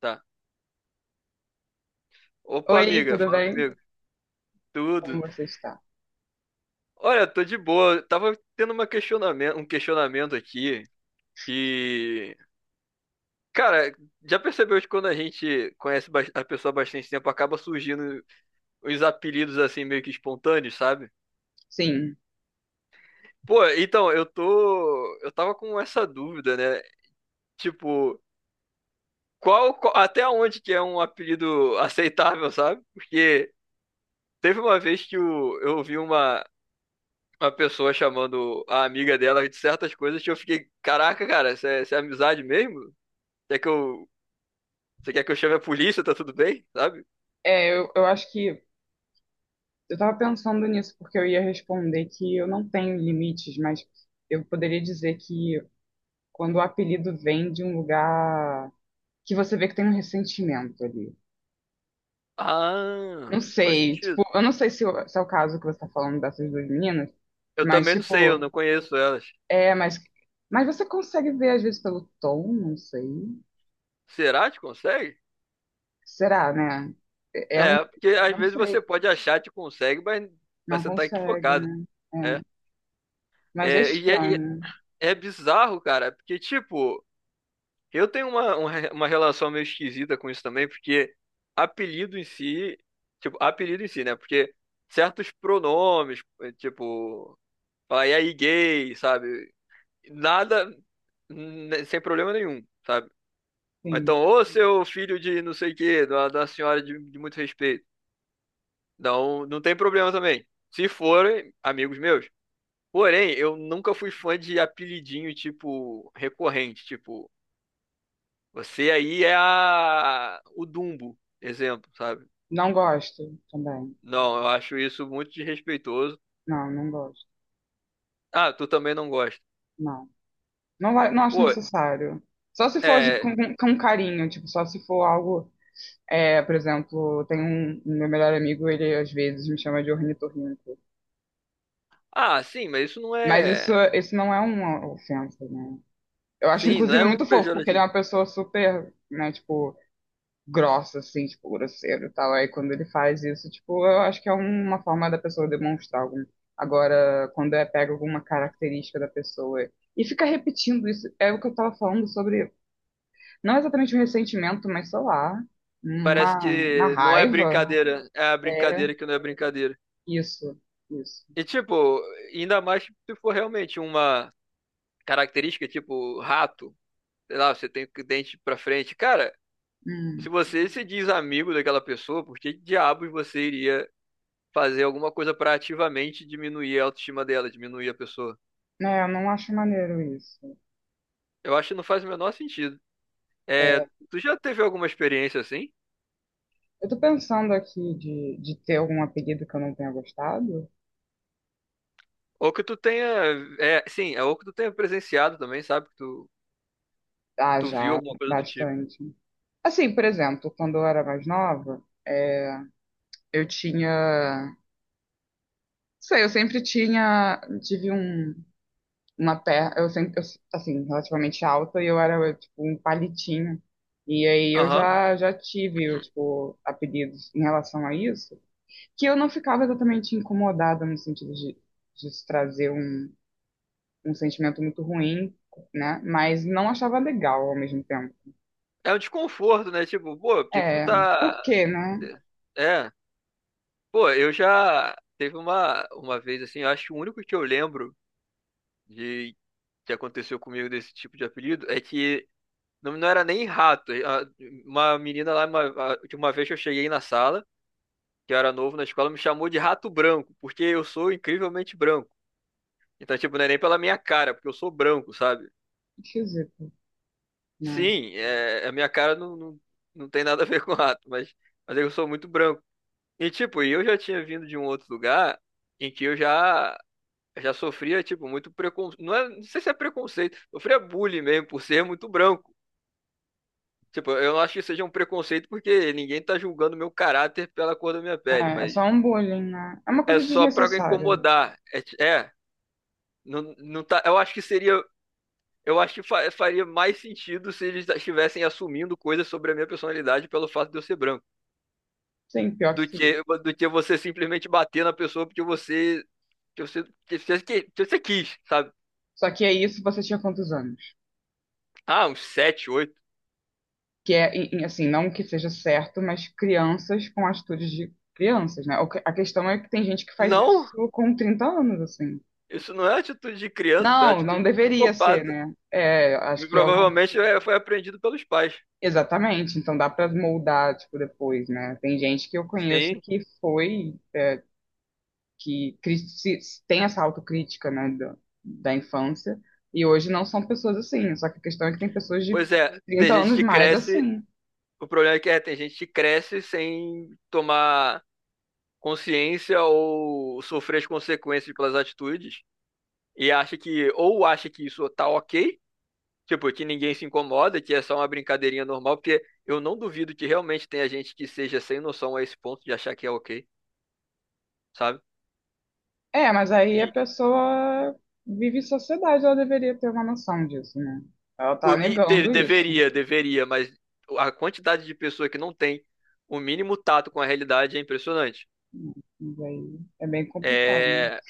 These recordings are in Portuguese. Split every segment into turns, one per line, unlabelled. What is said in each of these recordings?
Tá. Opa,
Oi,
amiga,
tudo
fala
bem?
comigo.
Como
Tudo.
você está?
Olha, tô de boa. Eu tava tendo uma questionamento, um questionamento aqui que, cara, já percebeu que quando a gente conhece a pessoa há bastante tempo, acaba surgindo uns apelidos assim meio que espontâneos, sabe?
Sim,
Pô, então, eu tava com essa dúvida, né? Tipo, até onde que é um apelido aceitável, sabe? Porque teve uma vez que eu ouvi uma pessoa chamando a amiga dela de certas coisas que eu fiquei, caraca, cara, isso é amizade mesmo? Quer que eu, você quer que eu chame a polícia, tá tudo bem? Sabe?
é, eu acho que eu estava pensando nisso porque eu ia responder que eu não tenho limites, mas eu poderia dizer que quando o apelido vem de um lugar que você vê que tem um ressentimento ali. Não
Ah, faz
sei,
sentido.
tipo, eu não sei se, se é o caso que você está falando dessas duas meninas,
Eu
mas
também não sei, eu não
tipo,
conheço elas.
é, mas você consegue ver às vezes pelo tom, não sei.
Será que consegue?
Será, né? É um,
É, porque
eu
às
não
vezes você
sei,
pode achar que consegue, mas
não
você tá
consegue,
equivocado.
né?
É,
É. Mas é
é, e
estranho,
é bizarro, cara, porque tipo. Eu tenho uma, uma relação meio esquisita com isso também, porque apelido em si, tipo, apelido em si, né? Porque certos pronomes, tipo, falar, e aí gay, sabe? Nada, sem problema nenhum, sabe? Ou
sim.
então, ô seu filho de não sei o quê, da senhora de muito respeito. Não, não tem problema também. Se forem amigos meus. Porém, eu nunca fui fã de apelidinho, tipo, recorrente, tipo. Você aí é a... o Dumbo, exemplo, sabe?
Não gosto também.
Não, eu acho isso muito desrespeitoso.
Não, não gosto.
Ah, tu também não gosta.
Não. Não, não acho
Pô,
necessário. Só se for
é.
com carinho, tipo, só se for algo. É, por exemplo, tem um meu melhor amigo, ele às vezes me chama de ornitorrinco.
Ah, sim, mas isso não
Mas isso,
é.
isso não é uma ofensa, né? Eu acho,
Sim, não
inclusive,
é um
muito fofo, porque ele é
pejorativo.
uma pessoa super, né, tipo, grossa, assim, tipo, grosseiro e tal. Aí quando ele faz isso, tipo, eu acho que é uma forma da pessoa demonstrar algum. Agora, quando é pega alguma característica da pessoa e fica repetindo isso, é o que eu tava falando sobre, não exatamente um ressentimento, mas sei lá,
Parece
uma
que não é
raiva.
brincadeira. É a
É
brincadeira que não é brincadeira.
isso, isso.
E, tipo, ainda mais se for realmente uma característica, tipo, rato. Sei lá, você tem dente pra frente. Cara,
Hum.
se você se diz amigo daquela pessoa, por que diabos você iria fazer alguma coisa para ativamente diminuir a autoestima dela, diminuir a pessoa.
É, eu não acho maneiro isso.
Eu acho que não faz o menor sentido. É,
É,
tu já teve alguma experiência assim?
eu tô pensando aqui de ter algum apelido que eu não tenha gostado.
Ou que tu tenha, é, sim, é ou que tu tenha presenciado também, sabe?
Ah,
Tu viu
já,
alguma coisa do tipo.
bastante. Assim, por exemplo, quando eu era mais nova, é, eu tinha. Não sei, eu sempre tinha. Tive uma perna. Eu sempre, eu, assim, relativamente alta e eu era, tipo, um palitinho. E aí eu
Aham.
já tive, eu, tipo, apelidos em relação a isso, que eu não ficava exatamente incomodada no sentido de isso trazer um sentimento muito ruim, né? Mas não achava legal ao mesmo tempo.
É um desconforto, né? Tipo, pô, por que que tu
É, por
tá...
quê, né?
É, pô, eu já teve uma vez assim, eu acho que o único que eu lembro de que aconteceu comigo desse tipo de apelido é que não, não era nem rato. Uma menina lá, de uma vez que eu cheguei na sala, que eu era novo na escola, me chamou de rato branco, porque eu sou incrivelmente branco. Então, tipo, não é nem pela minha cara, porque eu sou branco, sabe?
Esquisito, né?
Sim, é, a minha cara não tem nada a ver com rato, mas eu sou muito branco. E, tipo, eu já tinha vindo de um outro lugar em que já sofria, tipo, muito preconceito. Não é, não sei se é preconceito, eu sofria bullying mesmo por ser muito branco. Tipo, eu não acho que seja um preconceito porque ninguém tá julgando meu caráter pela cor da minha pele,
É
mas
só um bullying, né? É uma
é
coisa
só pra
desnecessária.
incomodar. É, é, não, não tá, eu acho que seria, eu acho que faria mais sentido se eles estivessem assumindo coisas sobre a minha personalidade pelo fato de eu ser branco,
Sim, pior que sim.
do que você simplesmente bater na pessoa porque que você quis, sabe?
Só que é isso, você tinha quantos anos?
Ah, uns sete, oito.
Que é, e, assim, não que seja certo, mas crianças com atitudes de crianças, né? O A questão é que tem gente que faz
Não,
isso com 30 anos, assim.
isso não é atitude de criança, isso é
Não, não
atitude de
deveria ser,
psicopata.
né? É,
E
acho que é uma...
provavelmente foi aprendido pelos pais.
Exatamente, então dá pra moldar, tipo, depois, né? Tem gente que eu conheço
Sim.
que foi que tem essa autocrítica, né, da infância, e hoje não são pessoas assim. Só que a questão é que tem pessoas de
Pois é, tem
30
gente
anos
que
mais
cresce.
assim.
O problema é que é, tem gente que cresce sem tomar consciência ou sofrer as consequências pelas atitudes e acha que, ou acha que isso tá ok, tipo, que ninguém se incomoda, que é só uma brincadeirinha normal, porque eu não duvido que realmente tenha gente que seja sem noção a esse ponto de achar que é ok, sabe?
É, mas
E,
aí a pessoa vive em sociedade, ela deveria ter uma noção disso, né? Ela tá negando isso.
deveria, deveria, mas a quantidade de pessoa que não tem o mínimo tato com a realidade é impressionante.
Mas aí é bem complicado, né?
É,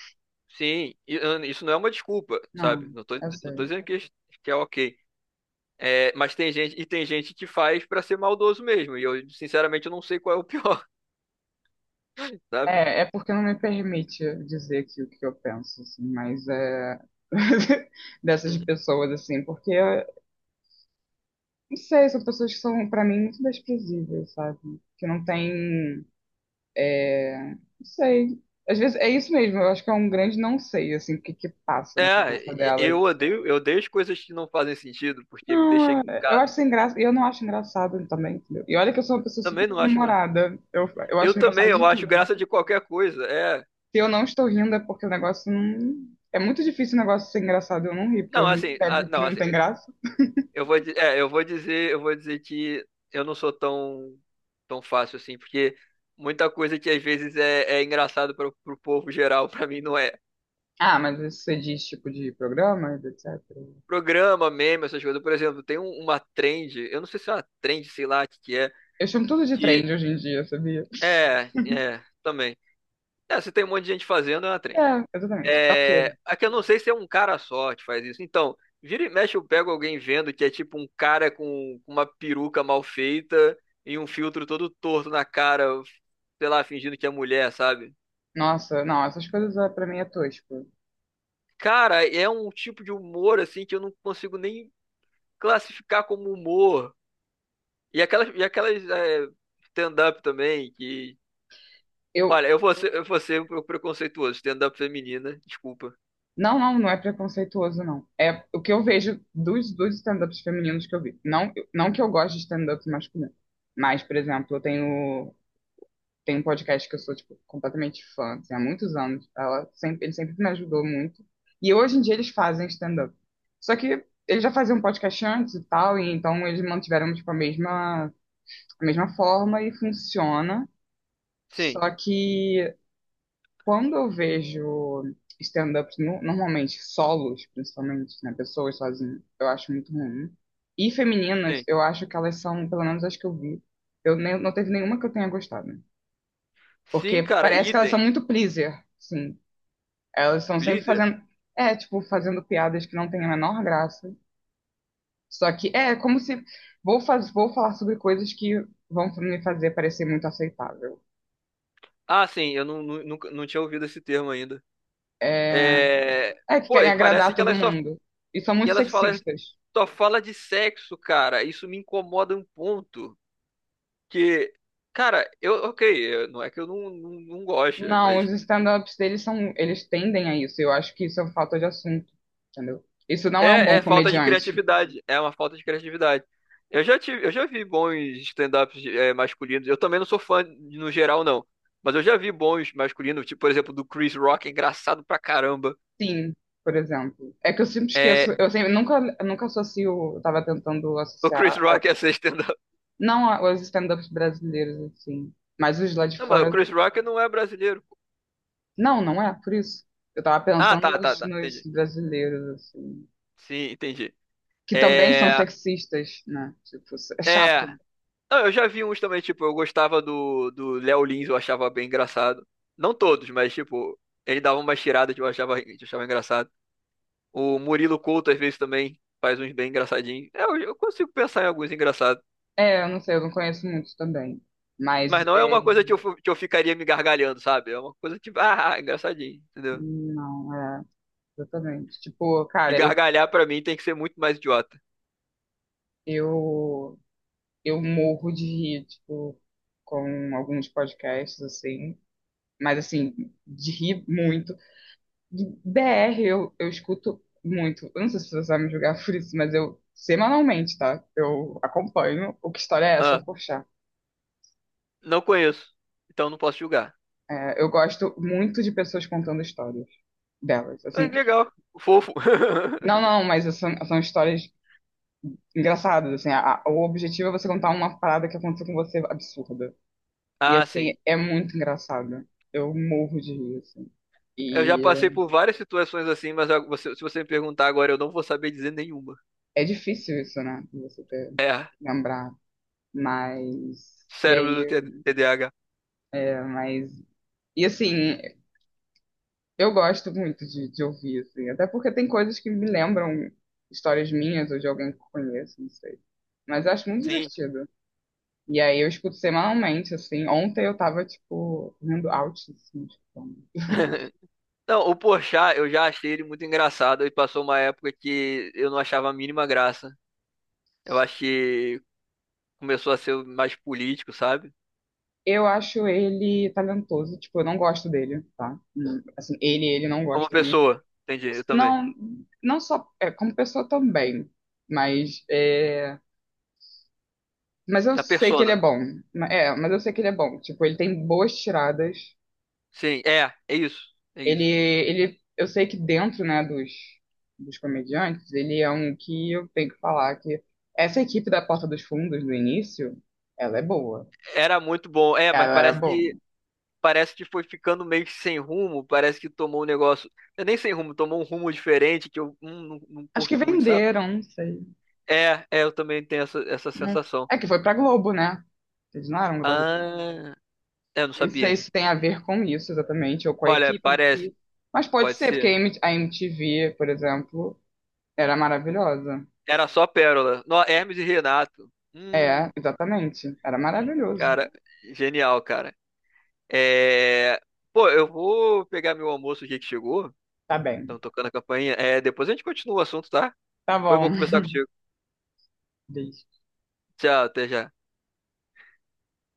sim, e, ah, isso não é uma desculpa, sabe?
Não, eu
Não tô
sei.
dizendo que é ok. É, mas tem gente, e tem gente que faz pra ser maldoso mesmo. E eu, sinceramente, eu não sei qual é o pior, sabe?
É, é porque não me permite dizer aqui o que eu penso, assim, mas é dessas pessoas, assim, porque não sei, são pessoas que são, pra mim, muito desprezíveis, sabe? Que não tem. Não sei. Às vezes é isso mesmo, eu acho que é um grande não sei, assim, o que que passa na
É,
cabeça delas, assim.
eu odeio as coisas que não fazem sentido, porque me deixam
Não, eu
encucado.
acho sem graça, e eu não acho engraçado também, entendeu? E olha que eu sou uma pessoa super
Também não acho graça.
humorada, eu
Eu
acho
também,
engraçado de
eu acho
tudo.
graça de qualquer coisa. É.
Se eu não estou rindo é porque o negócio não. É muito difícil o negócio ser engraçado, e eu não ri, porque eu
Não,
rio
assim, ah,
sempre que
não,
não
assim,
tem graça.
eu vou, é, eu vou dizer que eu não sou tão, tão fácil assim, porque muita coisa que às vezes é engraçado para o povo geral, para mim não é.
Ah, mas isso você diz tipo de programas, etc.
Programa, meme, essas coisas. Por exemplo, tem uma trend, eu não sei se é uma trend, sei lá o que
Eu chamo tudo de
que
trend hoje em dia, sabia?
é, é, também. É, se tem um monte de gente fazendo, é uma trend.
É, exatamente. É o quê?
É, é que eu não sei se é um cara só que faz isso. Então, vira e mexe, eu pego alguém vendo que é tipo um cara com uma peruca mal feita e um filtro todo torto na cara, sei lá, fingindo que é mulher, sabe?
Nossa, não, essas coisas é, pra mim é tosco.
Cara, é um tipo de humor assim que eu não consigo nem classificar como humor. E aquelas stand-up também que.
Eu,
Olha, eu vou ser um preconceituoso, stand-up feminina, desculpa.
não, não, não é preconceituoso, não. É o que eu vejo dos stand-ups femininos que eu vi. Não, não que eu goste de stand-up masculino. Mas, por exemplo, eu tenho um podcast que eu sou, tipo, completamente fã, assim, há muitos anos. Ela sempre, ele sempre me ajudou muito. E hoje em dia eles fazem stand-up. Só que eles já faziam podcast antes e tal, e então eles mantiveram, tipo, a mesma forma e funciona.
Sim,
Só que quando eu vejo stand-ups, normalmente solos, principalmente, né, pessoas sozinhas, eu acho muito ruim. E femininas,
sim.
eu acho que elas são, pelo menos as que eu vi, eu nem, não teve nenhuma que eu tenha gostado.
Sim,
Porque
cara,
parece que elas são
idem.
muito pleaser, sim. Elas estão sempre
Please.
fazendo, é, tipo, fazendo piadas que não têm a menor graça. Só que é como se vou faz, vou falar sobre coisas que vão me fazer parecer muito aceitável.
Ah, sim, eu não, nu- nunca, não tinha ouvido esse termo ainda.
É,
É...
é que
Pô,
querem
e parece
agradar
que
todo
elas só.
mundo. E são
E
muito
elas falam,
sexistas.
só fala de sexo, cara. Isso me incomoda um ponto. Que, cara, eu, ok, não é que eu não, não, não goste,
Não, os
mas
stand-ups deles são, eles tendem a isso. Eu acho que isso é falta de assunto, entendeu? Isso não é um
é,
bom
é falta de
comediante.
criatividade. É uma falta de criatividade. Eu já vi bons stand-ups masculinos. Eu também não sou fã no geral, não. Mas eu já vi bons masculinos, tipo, por exemplo, do Chris Rock, é engraçado pra caramba.
Sim, por exemplo. É que eu sempre esqueço,
É,
eu sempre nunca associo, eu tava tentando
o
associar,
Chris Rock ia ser stand-up.
não os stand-ups brasileiros assim, mas os lá de
Não, mas o
fora.
Chris Rock não é brasileiro.
Não, não é por isso. Eu tava
Ah,
pensando
tá, tá,
nos,
tá.
nos
Entendi.
brasileiros assim,
Sim, entendi.
que também são
É.
sexistas, né? Tipo, é
É.
chato.
Não, eu já vi uns também, tipo, eu gostava do Léo Lins, eu achava bem engraçado. Não todos, mas, tipo, ele dava umas tiradas que que eu achava engraçado. O Murilo Couto, às vezes, também faz uns bem engraçadinhos. É, eu consigo pensar em alguns engraçados.
É, eu não sei, eu não conheço muitos também, mas
Mas não é
é,
uma coisa que eu, que eu ficaria me gargalhando, sabe? É uma coisa tipo, ah, engraçadinho, entendeu?
não, é. Exatamente. Tipo,
E
cara, eu,
gargalhar, pra mim, tem que ser muito mais idiota.
eu, eu morro de rir, tipo, com alguns podcasts, assim. Mas, assim, de rir muito. De BR eu, escuto muito. Eu não sei se você vai me julgar por isso, mas eu, semanalmente, tá? Eu acompanho o que história é essa,
Ah,
poxa.
não conheço, então não posso julgar.
É, eu gosto muito de pessoas contando histórias delas,
Ah,
assim.
que legal, fofo.
Não, não, mas são, histórias engraçadas, assim. O objetivo é você contar uma parada que aconteceu com você absurda. E
Ah,
assim,
sim.
é muito engraçado. Eu morro de rir, assim.
Eu já passei
E
por várias situações assim, mas ah, se você me perguntar agora, eu não vou saber dizer nenhuma.
é difícil isso, né? De você ter,
É,
lembrar. Mas. E
cérebro do
aí.
TDAH.
É, mas. E assim, eu gosto muito de ouvir, assim. Até porque tem coisas que me lembram histórias minhas ou de alguém que eu conheço, não sei. Mas eu acho muito
Sim.
divertido. E aí eu escuto semanalmente, assim. Ontem eu tava, tipo, rindo alto, assim, tipo.
Não, o Porchat, eu já achei ele muito engraçado e passou uma época que eu não achava a mínima graça. Eu acho que começou a ser mais político, sabe?
Eu acho ele talentoso, tipo, eu não gosto dele, tá? Assim, ele não
Como
gosta muito.
pessoa, entendi, eu também.
Não, não só é, como pessoa também, mas é, mas eu
A
sei que ele
persona.
é bom. É, mas eu sei que ele é bom. Tipo, ele tem boas tiradas.
Sim, é, é isso, é
Ele,
isso.
ele, eu sei que dentro, né, dos comediantes, ele é um que eu tenho que falar que essa equipe da Porta dos Fundos do início, ela é boa.
Era muito bom, é, mas
Ela era boa.
parece que foi ficando meio que sem rumo, parece que tomou um negócio, não é nem sem rumo, tomou um rumo diferente que eu não, não
Acho que
curto muito, sabe?
venderam, não sei.
É, é, eu também tenho essa, essa
Não-
sensação.
É que foi pra Globo, né? Eles não eram da Globo.
Ah, é, eu não
Nem sei
sabia.
se tem a ver com isso exatamente, ou com a
Olha,
equipe em
parece,
si. Mas pode
pode
ser, porque a
ser.
M- a MTV, por exemplo, era maravilhosa.
Era só Pérola. No, Hermes e Renato.
É, exatamente. Era maravilhoso.
Cara, genial, cara. É, pô, eu vou pegar meu almoço aqui que chegou.
Tá bem.
Estão tocando a campainha. É, depois a gente continua o assunto, tá?
Tá
Foi bom
bom.
conversar contigo.
Beijo.
Tchau, até já.